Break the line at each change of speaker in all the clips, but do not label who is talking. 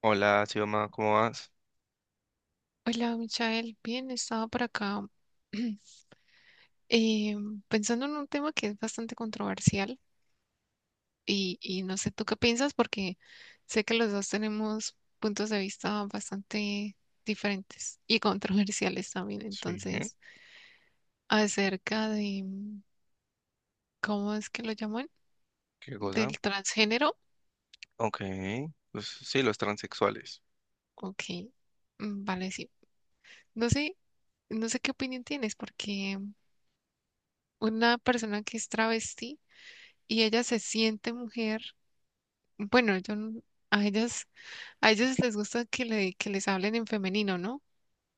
Hola, Xioma, ¿cómo vas?
Hola, Michael. Bien, estaba por acá eh, pensando en un tema que es bastante controversial y no sé tú qué piensas porque sé que los dos tenemos puntos de vista bastante diferentes y controversiales también.
Sí,
Entonces, acerca de, mm, ¿cómo es que lo llaman?
¿qué cosa?
Del transgénero.
Ok, pues sí, los transexuales.
Ok, vale, sí. No sé, no sé qué opinión tienes porque una persona que es travesti y ella se siente mujer. Bueno, yo no- a ellas, a ellas les gusta que les hablen en femenino, ¿no?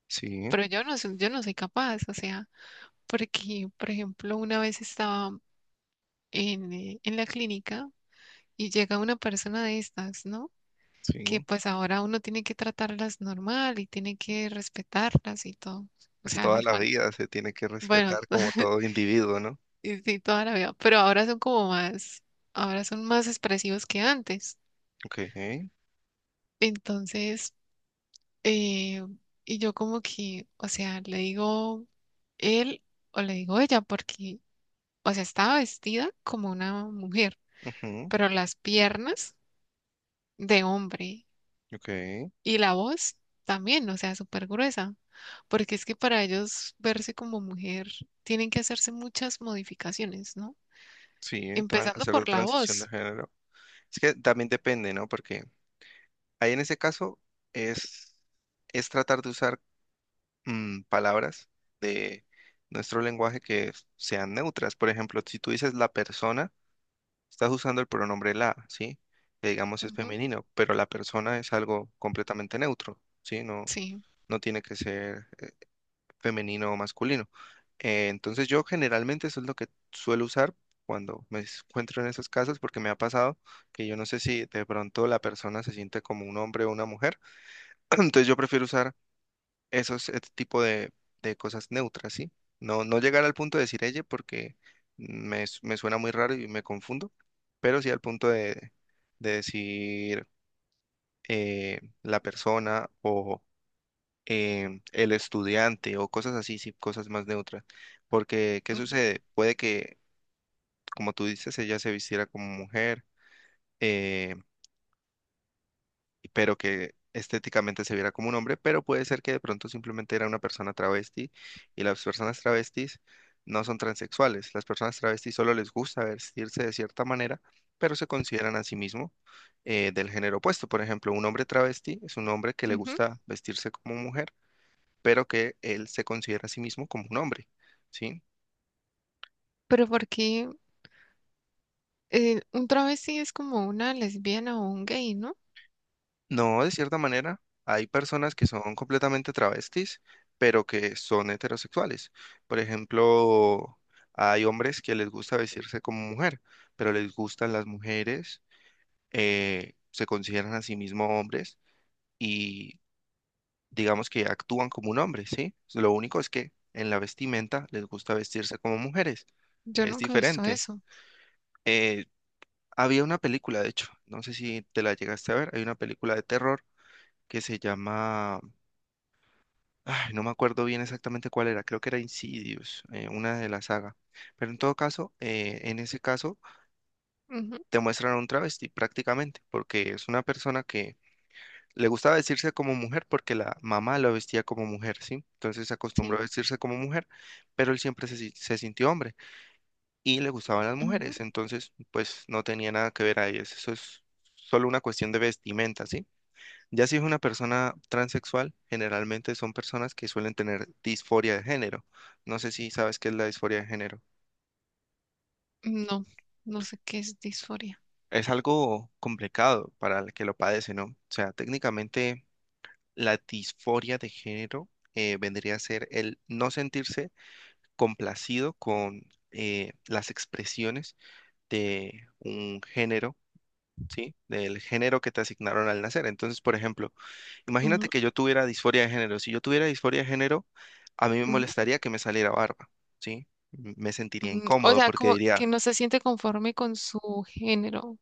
Sí,
Pero yo no soy capaz, o sea, porque, por ejemplo, una vez estaba en la clínica y llega una persona de estas, ¿no? Que
sí.
pues ahora uno tiene que tratarlas normal y tiene que respetarlas y todo, o
Pues
sea,
toda la
normal.
vida se tiene que
Bueno,
respetar como todo individuo, ¿no?
y sí, toda la vida, pero ahora son como más, ahora son más expresivos que antes.
Ok,
Entonces... Eh, y yo como que, o sea, le digo él o le digo ella, porque, o sea, estaba vestida como una mujer,
ujú,
pero las piernas de hombre
ok,
y la voz también, o sea, súper gruesa, porque es que para ellos verse como mujer tienen que hacerse muchas modificaciones, ¿no?
sí,
Empezando
hacer la
por la
transición de
voz.
género. Es que también depende, ¿no? Porque ahí en ese caso es, es tratar de usar palabras de nuestro lenguaje que sean neutras. Por ejemplo, si tú dices la persona, estás usando el pronombre la, ¿sí? Que digamos es
Ujú,
femenino, pero la persona es algo completamente neutro, ¿sí? No,
sí.
no tiene que ser femenino o masculino. Entonces yo generalmente eso es lo que suelo usar cuando me encuentro en esos casos porque me ha pasado que yo no sé si de pronto la persona se siente como un hombre o una mujer. Entonces yo prefiero usar esos este tipo de cosas neutras, ¿sí? No, no llegar al punto de decir ella porque me suena muy raro y me confundo, pero sí al punto de decir la persona o el estudiante o cosas así, sí, cosas más neutras. Porque, ¿qué
Ujú,
sucede? Puede que, como tú dices, ella se vistiera como mujer, eh, pero que estéticamente se viera como un hombre, pero puede ser que de pronto simplemente era una persona travesti y las personas travestis no son transexuales. Las personas travestis solo les gusta vestirse de cierta manera, pero se consideran a sí mismos del género opuesto. Por ejemplo, un hombre travesti es un hombre que le
ujú.
gusta vestirse como mujer, pero que él se considera a sí mismo como un hombre, ¿sí?
Pero porque un travesti es como una lesbiana o un gay, ¿no?
No, de cierta manera, hay personas que son completamente travestis, pero que son heterosexuales. Por ejemplo, hay hombres que les gusta vestirse como mujer, pero les gustan las mujeres, se consideran a sí mismos hombres y digamos que actúan como un hombre, ¿sí? Lo único es que en la vestimenta les gusta vestirse como mujeres,
Yo
es
nunca he visto
diferente.
eso.
Eh, Había una película, de hecho, no sé si te la llegaste a ver, hay una película de terror que se llama... Ay, no me acuerdo bien exactamente cuál era, creo que era Insidious, una de la saga. Pero en todo caso, en ese caso,
Ujú,
te muestran a un travesti prácticamente, porque es una persona que le gustaba vestirse como mujer porque la mamá lo vestía como mujer, ¿sí? Entonces se acostumbró a
sí,
vestirse como mujer, pero él siempre se, si- se sintió hombre y le gustaban las
ujú.
mujeres, entonces pues no tenía nada que ver ahí, eso es solo una cuestión de vestimenta, ¿sí? Ya si es una persona transexual, generalmente son personas que suelen tener disforia de género. No sé si sabes qué es la disforia de género.
No, no sé qué es disforia.
Es algo complicado para el que lo padece, ¿no? O sea, técnicamente la disforia de género vendría a ser el no sentirse complacido con las expresiones de un género, ¿sí? Del género que te asignaron al nacer. Entonces, por ejemplo, imagínate
Ujú,
que yo tuviera disforia de género. Si yo tuviera disforia de género, a mí me
ujú,
molestaría que me saliera barba, ¿sí? Me sentiría
ujú. O
incómodo
sea,
porque
como
diría,
que no se siente conforme con su género,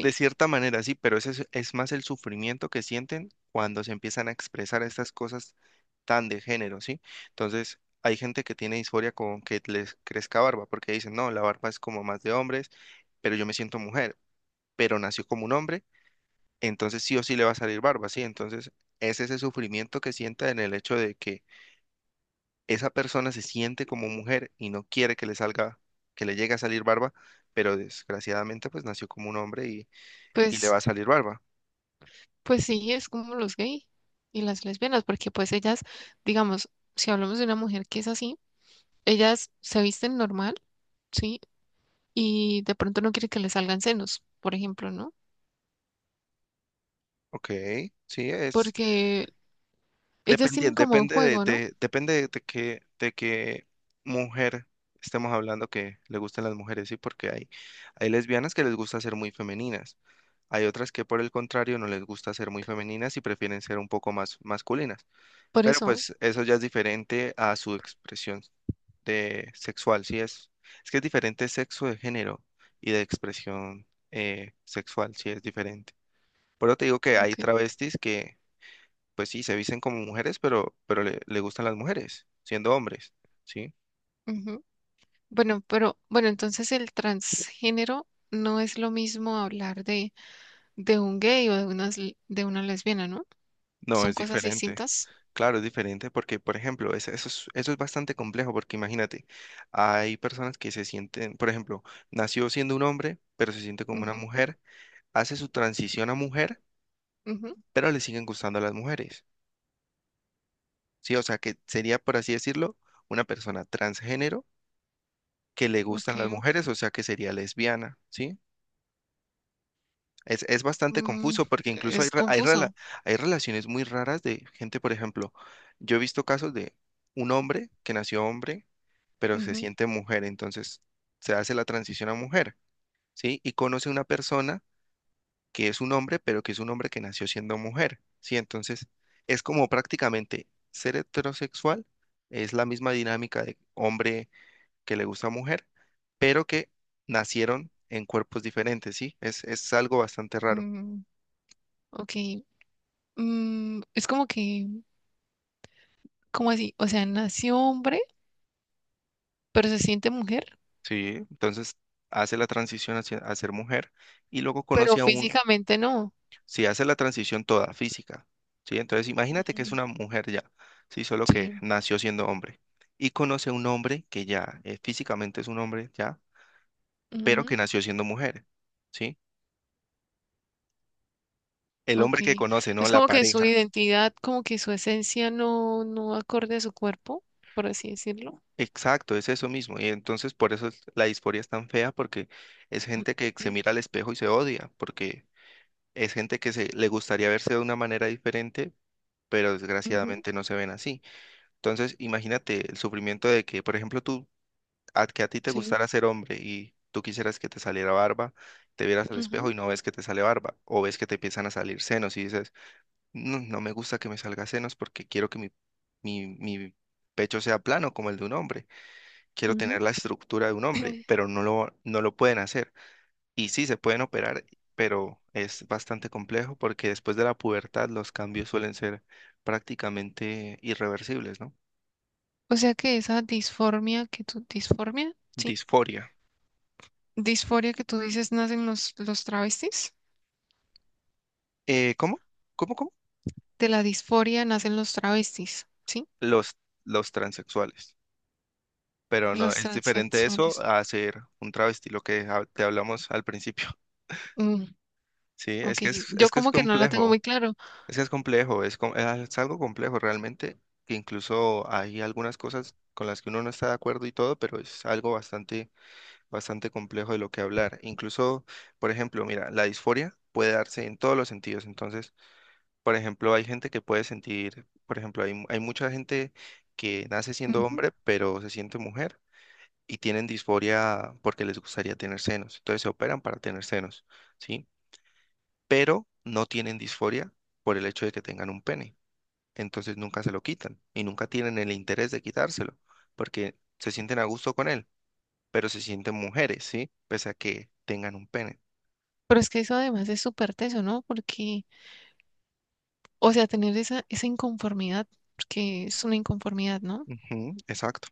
de cierta manera sí, pero ese es más el sufrimiento que sienten cuando se empiezan a expresar estas cosas tan de género, ¿sí? Entonces, hay gente que tiene disforia con que les crezca barba porque dicen, no, la barba es como más de hombres, pero yo me siento mujer, pero nació como un hombre, entonces sí o sí le va a salir barba, ¿sí? Entonces, es ese sufrimiento que sienten en el hecho de que esa persona se siente como mujer y no quiere que le salga, que le llegue a salir barba, pero desgraciadamente pues nació como un hombre y le
Pues,
va a salir barba.
pues sí, es como los gays y las lesbianas, porque pues ellas, digamos, si hablamos de una mujer que es así, ellas se visten normal, ¿sí? Y de pronto no quiere que le salgan senos, por ejemplo, ¿no?
Ok, sí, es
Porque ellas tienen
dependiente,
como un
depende
juego, ¿no?
depende de de qué mujer estemos hablando que le gustan las mujeres, sí, porque hay lesbianas que les gusta ser muy femeninas, hay otras que por el contrario no les gusta ser muy femeninas y prefieren ser un poco más masculinas.
Por
Pero
eso,
pues eso ya es diferente a su expresión de sexual, sí es. Es que es diferente sexo de género y de expresión sexual, sí es diferente. Por eso te digo que hay
ok.
travestis que, pues sí, se visten como mujeres, pero le gustan las mujeres, siendo hombres, ¿sí?
Bueno, pero bueno, entonces el transgénero no es lo mismo hablar de un gay o de una lesbiana, ¿no?
No,
Son
es
cosas
diferente.
distintas.
Claro, es diferente porque, por ejemplo, eso es bastante complejo porque imagínate, hay personas que se sienten, por ejemplo, nació siendo un hombre, pero se siente como una
Ujú,
mujer, hace su transición a mujer
ujú,
pero le siguen gustando a las mujeres, ¿sí? O sea, que sería, por así decirlo, una persona transgénero que le gustan las
ok.
mujeres, o sea, que sería lesbiana, ¿sí? Es bastante
Mm,
confuso porque incluso
es confuso.
hay relaciones muy raras de gente, por ejemplo, yo he visto casos de un hombre que nació hombre, pero se
Ujú,
siente mujer, entonces se hace la transición a mujer, ¿sí? Y conoce una persona que es un hombre, pero que es un hombre que nació siendo mujer, ¿sí? Entonces, es como prácticamente ser heterosexual, es la misma dinámica de hombre que le gusta a mujer, pero que nacieron en cuerpos diferentes, ¿sí? Es algo bastante raro,
mm, ok. Mm, es como que, ¿cómo así? O sea, nació hombre, pero se siente mujer,
¿sí? Entonces, hace la transición a ser mujer y luego
pero
conoce a un,
físicamente no.
si hace la transición toda física, ¿sí? Entonces, imagínate que es
Ujú,
una mujer ya, ¿sí? Solo que
sí.
nació siendo hombre. Y conoce a un hombre que ya físicamente es un hombre ya, pero que nació siendo mujer, ¿sí? El
Ok,
hombre que conoce, ¿no?
es
La
como que su
pareja.
identidad, como que su esencia no, no acorde a su cuerpo, por así decirlo.
Exacto, es eso mismo. Y entonces por eso la disforia es tan fea, porque es gente que se mira al espejo y se odia, porque es gente que le gustaría verse de una manera diferente, pero
Ujú,
desgraciadamente no se ven así. Entonces, imagínate el sufrimiento de que, por ejemplo, que a ti te
sí.
gustara ser hombre y tú quisieras que te saliera barba, te vieras al espejo
Ujú,
y no ves que te sale barba, o ves que te empiezan a salir senos y dices, no, no me gusta que me salga senos porque quiero que mi pecho sea plano como el de un hombre. Quiero tener
ujú.
la estructura de un hombre, pero no lo pueden hacer. Y sí, se pueden operar, pero es bastante complejo porque después de la pubertad los cambios suelen ser prácticamente irreversibles, ¿no?
O sea que esa disformia que tú, disformia, sí,
Disforia.
disforia que tú dices nacen los travestis,
¿Cómo? ¿Cómo?
de la disforia nacen los travestis, sí,
Los, los transexuales. Pero no,
los
es diferente eso
transexuales.
a ser un travesti, lo que te hablamos al principio.
Mm,
Sí,
ok, yo
es que es
como que no lo tengo
complejo.
muy claro.
Es que es complejo, es algo complejo realmente, que incluso hay algunas cosas con las que uno no está de acuerdo y todo, pero es algo bastante complejo de lo que hablar. Incluso, por ejemplo, mira, la disforia puede darse en todos los sentidos. Entonces, por ejemplo, hay gente que puede sentir, por ejemplo, hay mucha gente que nace siendo
Ujú.
hombre, pero se siente mujer y tienen disforia porque les gustaría tener senos. Entonces se operan para tener senos, ¿sí? Pero no tienen disforia por el hecho de que tengan un pene entonces nunca se lo quitan y nunca tienen el interés de quitárselo, porque se sienten a gusto con él, pero se sienten mujeres, ¿sí? Pese a que tengan un pene.
Pero es que eso además es súper teso, ¿no? Porque, o sea, tener esa, esa inconformidad, porque es una inconformidad, ¿no?
Ujú, exacto.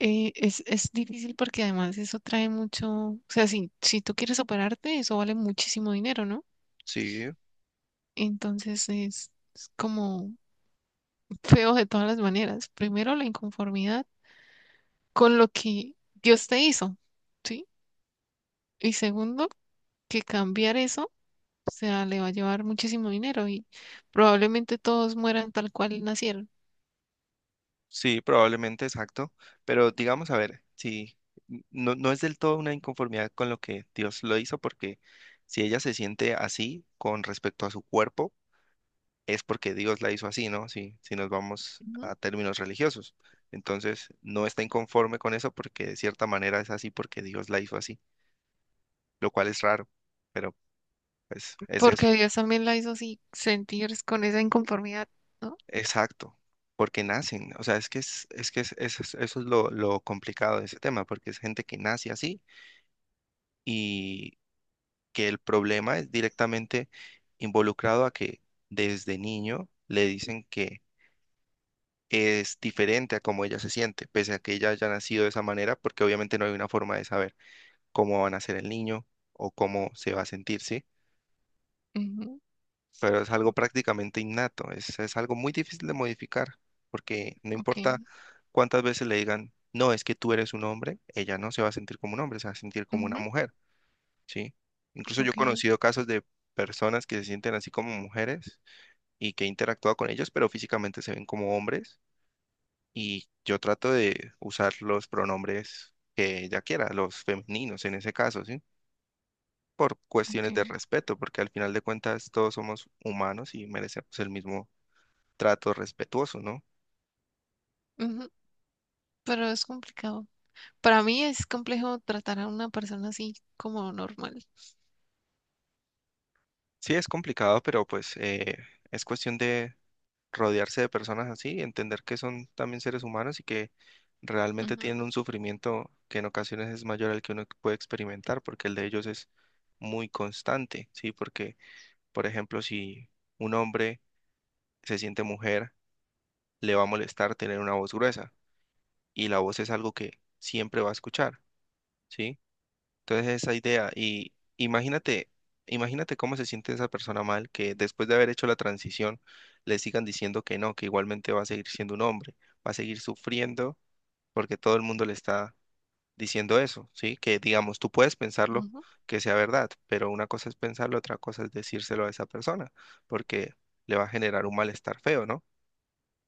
Es difícil porque además eso trae mucho, o sea, si, si tú quieres operarte, eso vale muchísimo dinero, ¿no?
Sí,
Entonces es como feo de todas las maneras. Primero, la inconformidad con lo que Dios te hizo, ¿sí? Y segundo, que cambiar eso, o sea, le va a llevar muchísimo dinero y probablemente todos mueran tal cual nacieron.
sí, probablemente exacto. Pero digamos, a ver, sí, no es del todo una inconformidad con lo que Dios lo hizo, porque si ella se siente así con respecto a su cuerpo, es porque Dios la hizo así, ¿no? Si nos vamos
Ujú.
a términos religiosos. Entonces, no está inconforme con eso porque de cierta manera es así porque Dios la hizo así, lo cual es raro, pero pues es eso.
Porque Dios también la hizo así sentir con esa inconformidad, ¿no?
Exacto, porque nacen, o sea, es que es- eso es, eso es lo complicado de ese tema, porque es gente que nace así y que el problema es directamente involucrado a que desde niño le dicen que es diferente a cómo ella se siente, pese a que ella haya nacido de esa manera, porque obviamente no hay una forma de saber cómo va a nacer el niño o cómo se va a sentir, ¿sí?
Ujú,
Pero es algo prácticamente innato, es algo muy difícil de modificar, porque no
ok,
importa cuántas veces le digan, no, es que tú eres un hombre, ella no se va a sentir como un hombre, se va a sentir como una
ujú,
mujer, ¿sí? Incluso yo he
ok,
conocido casos de personas que se sienten así como mujeres y que he interactuado con ellos, pero físicamente se ven como hombres y yo trato de usar los pronombres que ella quiera, los femeninos en ese caso, ¿sí? Por
ok,
cuestiones de respeto, porque al final de cuentas todos somos humanos y merecemos el mismo trato respetuoso, ¿no?
ujú, pero es complicado. Para mí es complejo tratar a una persona así como normal.
Sí, es complicado, pero pues es cuestión de rodearse de personas así, entender que son también seres humanos y que realmente
Ujú,
tienen un sufrimiento que en ocasiones es mayor al que uno puede experimentar, porque el de ellos es muy constante, ¿sí? Porque, por ejemplo, si un hombre se siente mujer, le va a molestar tener una voz gruesa y la voz es algo que siempre va a escuchar, ¿sí? Entonces esa idea y imagínate, imagínate cómo se siente esa persona mal que después de haber hecho la transición le sigan diciendo que no, que igualmente va a seguir siendo un hombre, va a seguir sufriendo porque todo el mundo le está diciendo eso, ¿sí? Que digamos, tú puedes pensarlo
ujú,
que sea verdad, pero una cosa es pensarlo, otra cosa es decírselo a esa persona, porque le va a generar un malestar feo, ¿no?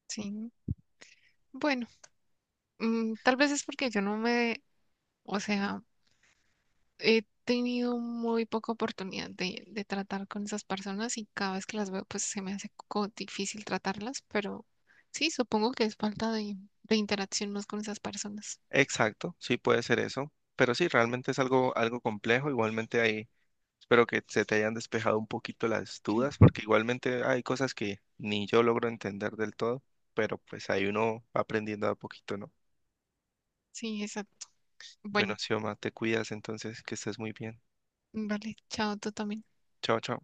sí. Bueno, tal vez es porque yo no me, o sea, he tenido muy poca oportunidad de tratar con esas personas y cada vez que las veo, pues se me hace co- difícil tratarlas, pero sí, supongo que es falta de interacción más con esas personas.
Exacto, sí puede ser eso, pero sí, realmente es algo, algo complejo. Igualmente ahí espero que se te hayan despejado un poquito las dudas, porque igualmente hay cosas que ni yo logro entender del todo, pero pues ahí uno va aprendiendo a poquito, ¿no?
Sí, exacto.
Bueno,
Bueno,
Xioma, te cuidas entonces, que estés muy bien.
vale, chao, tú también.
Chao, chao.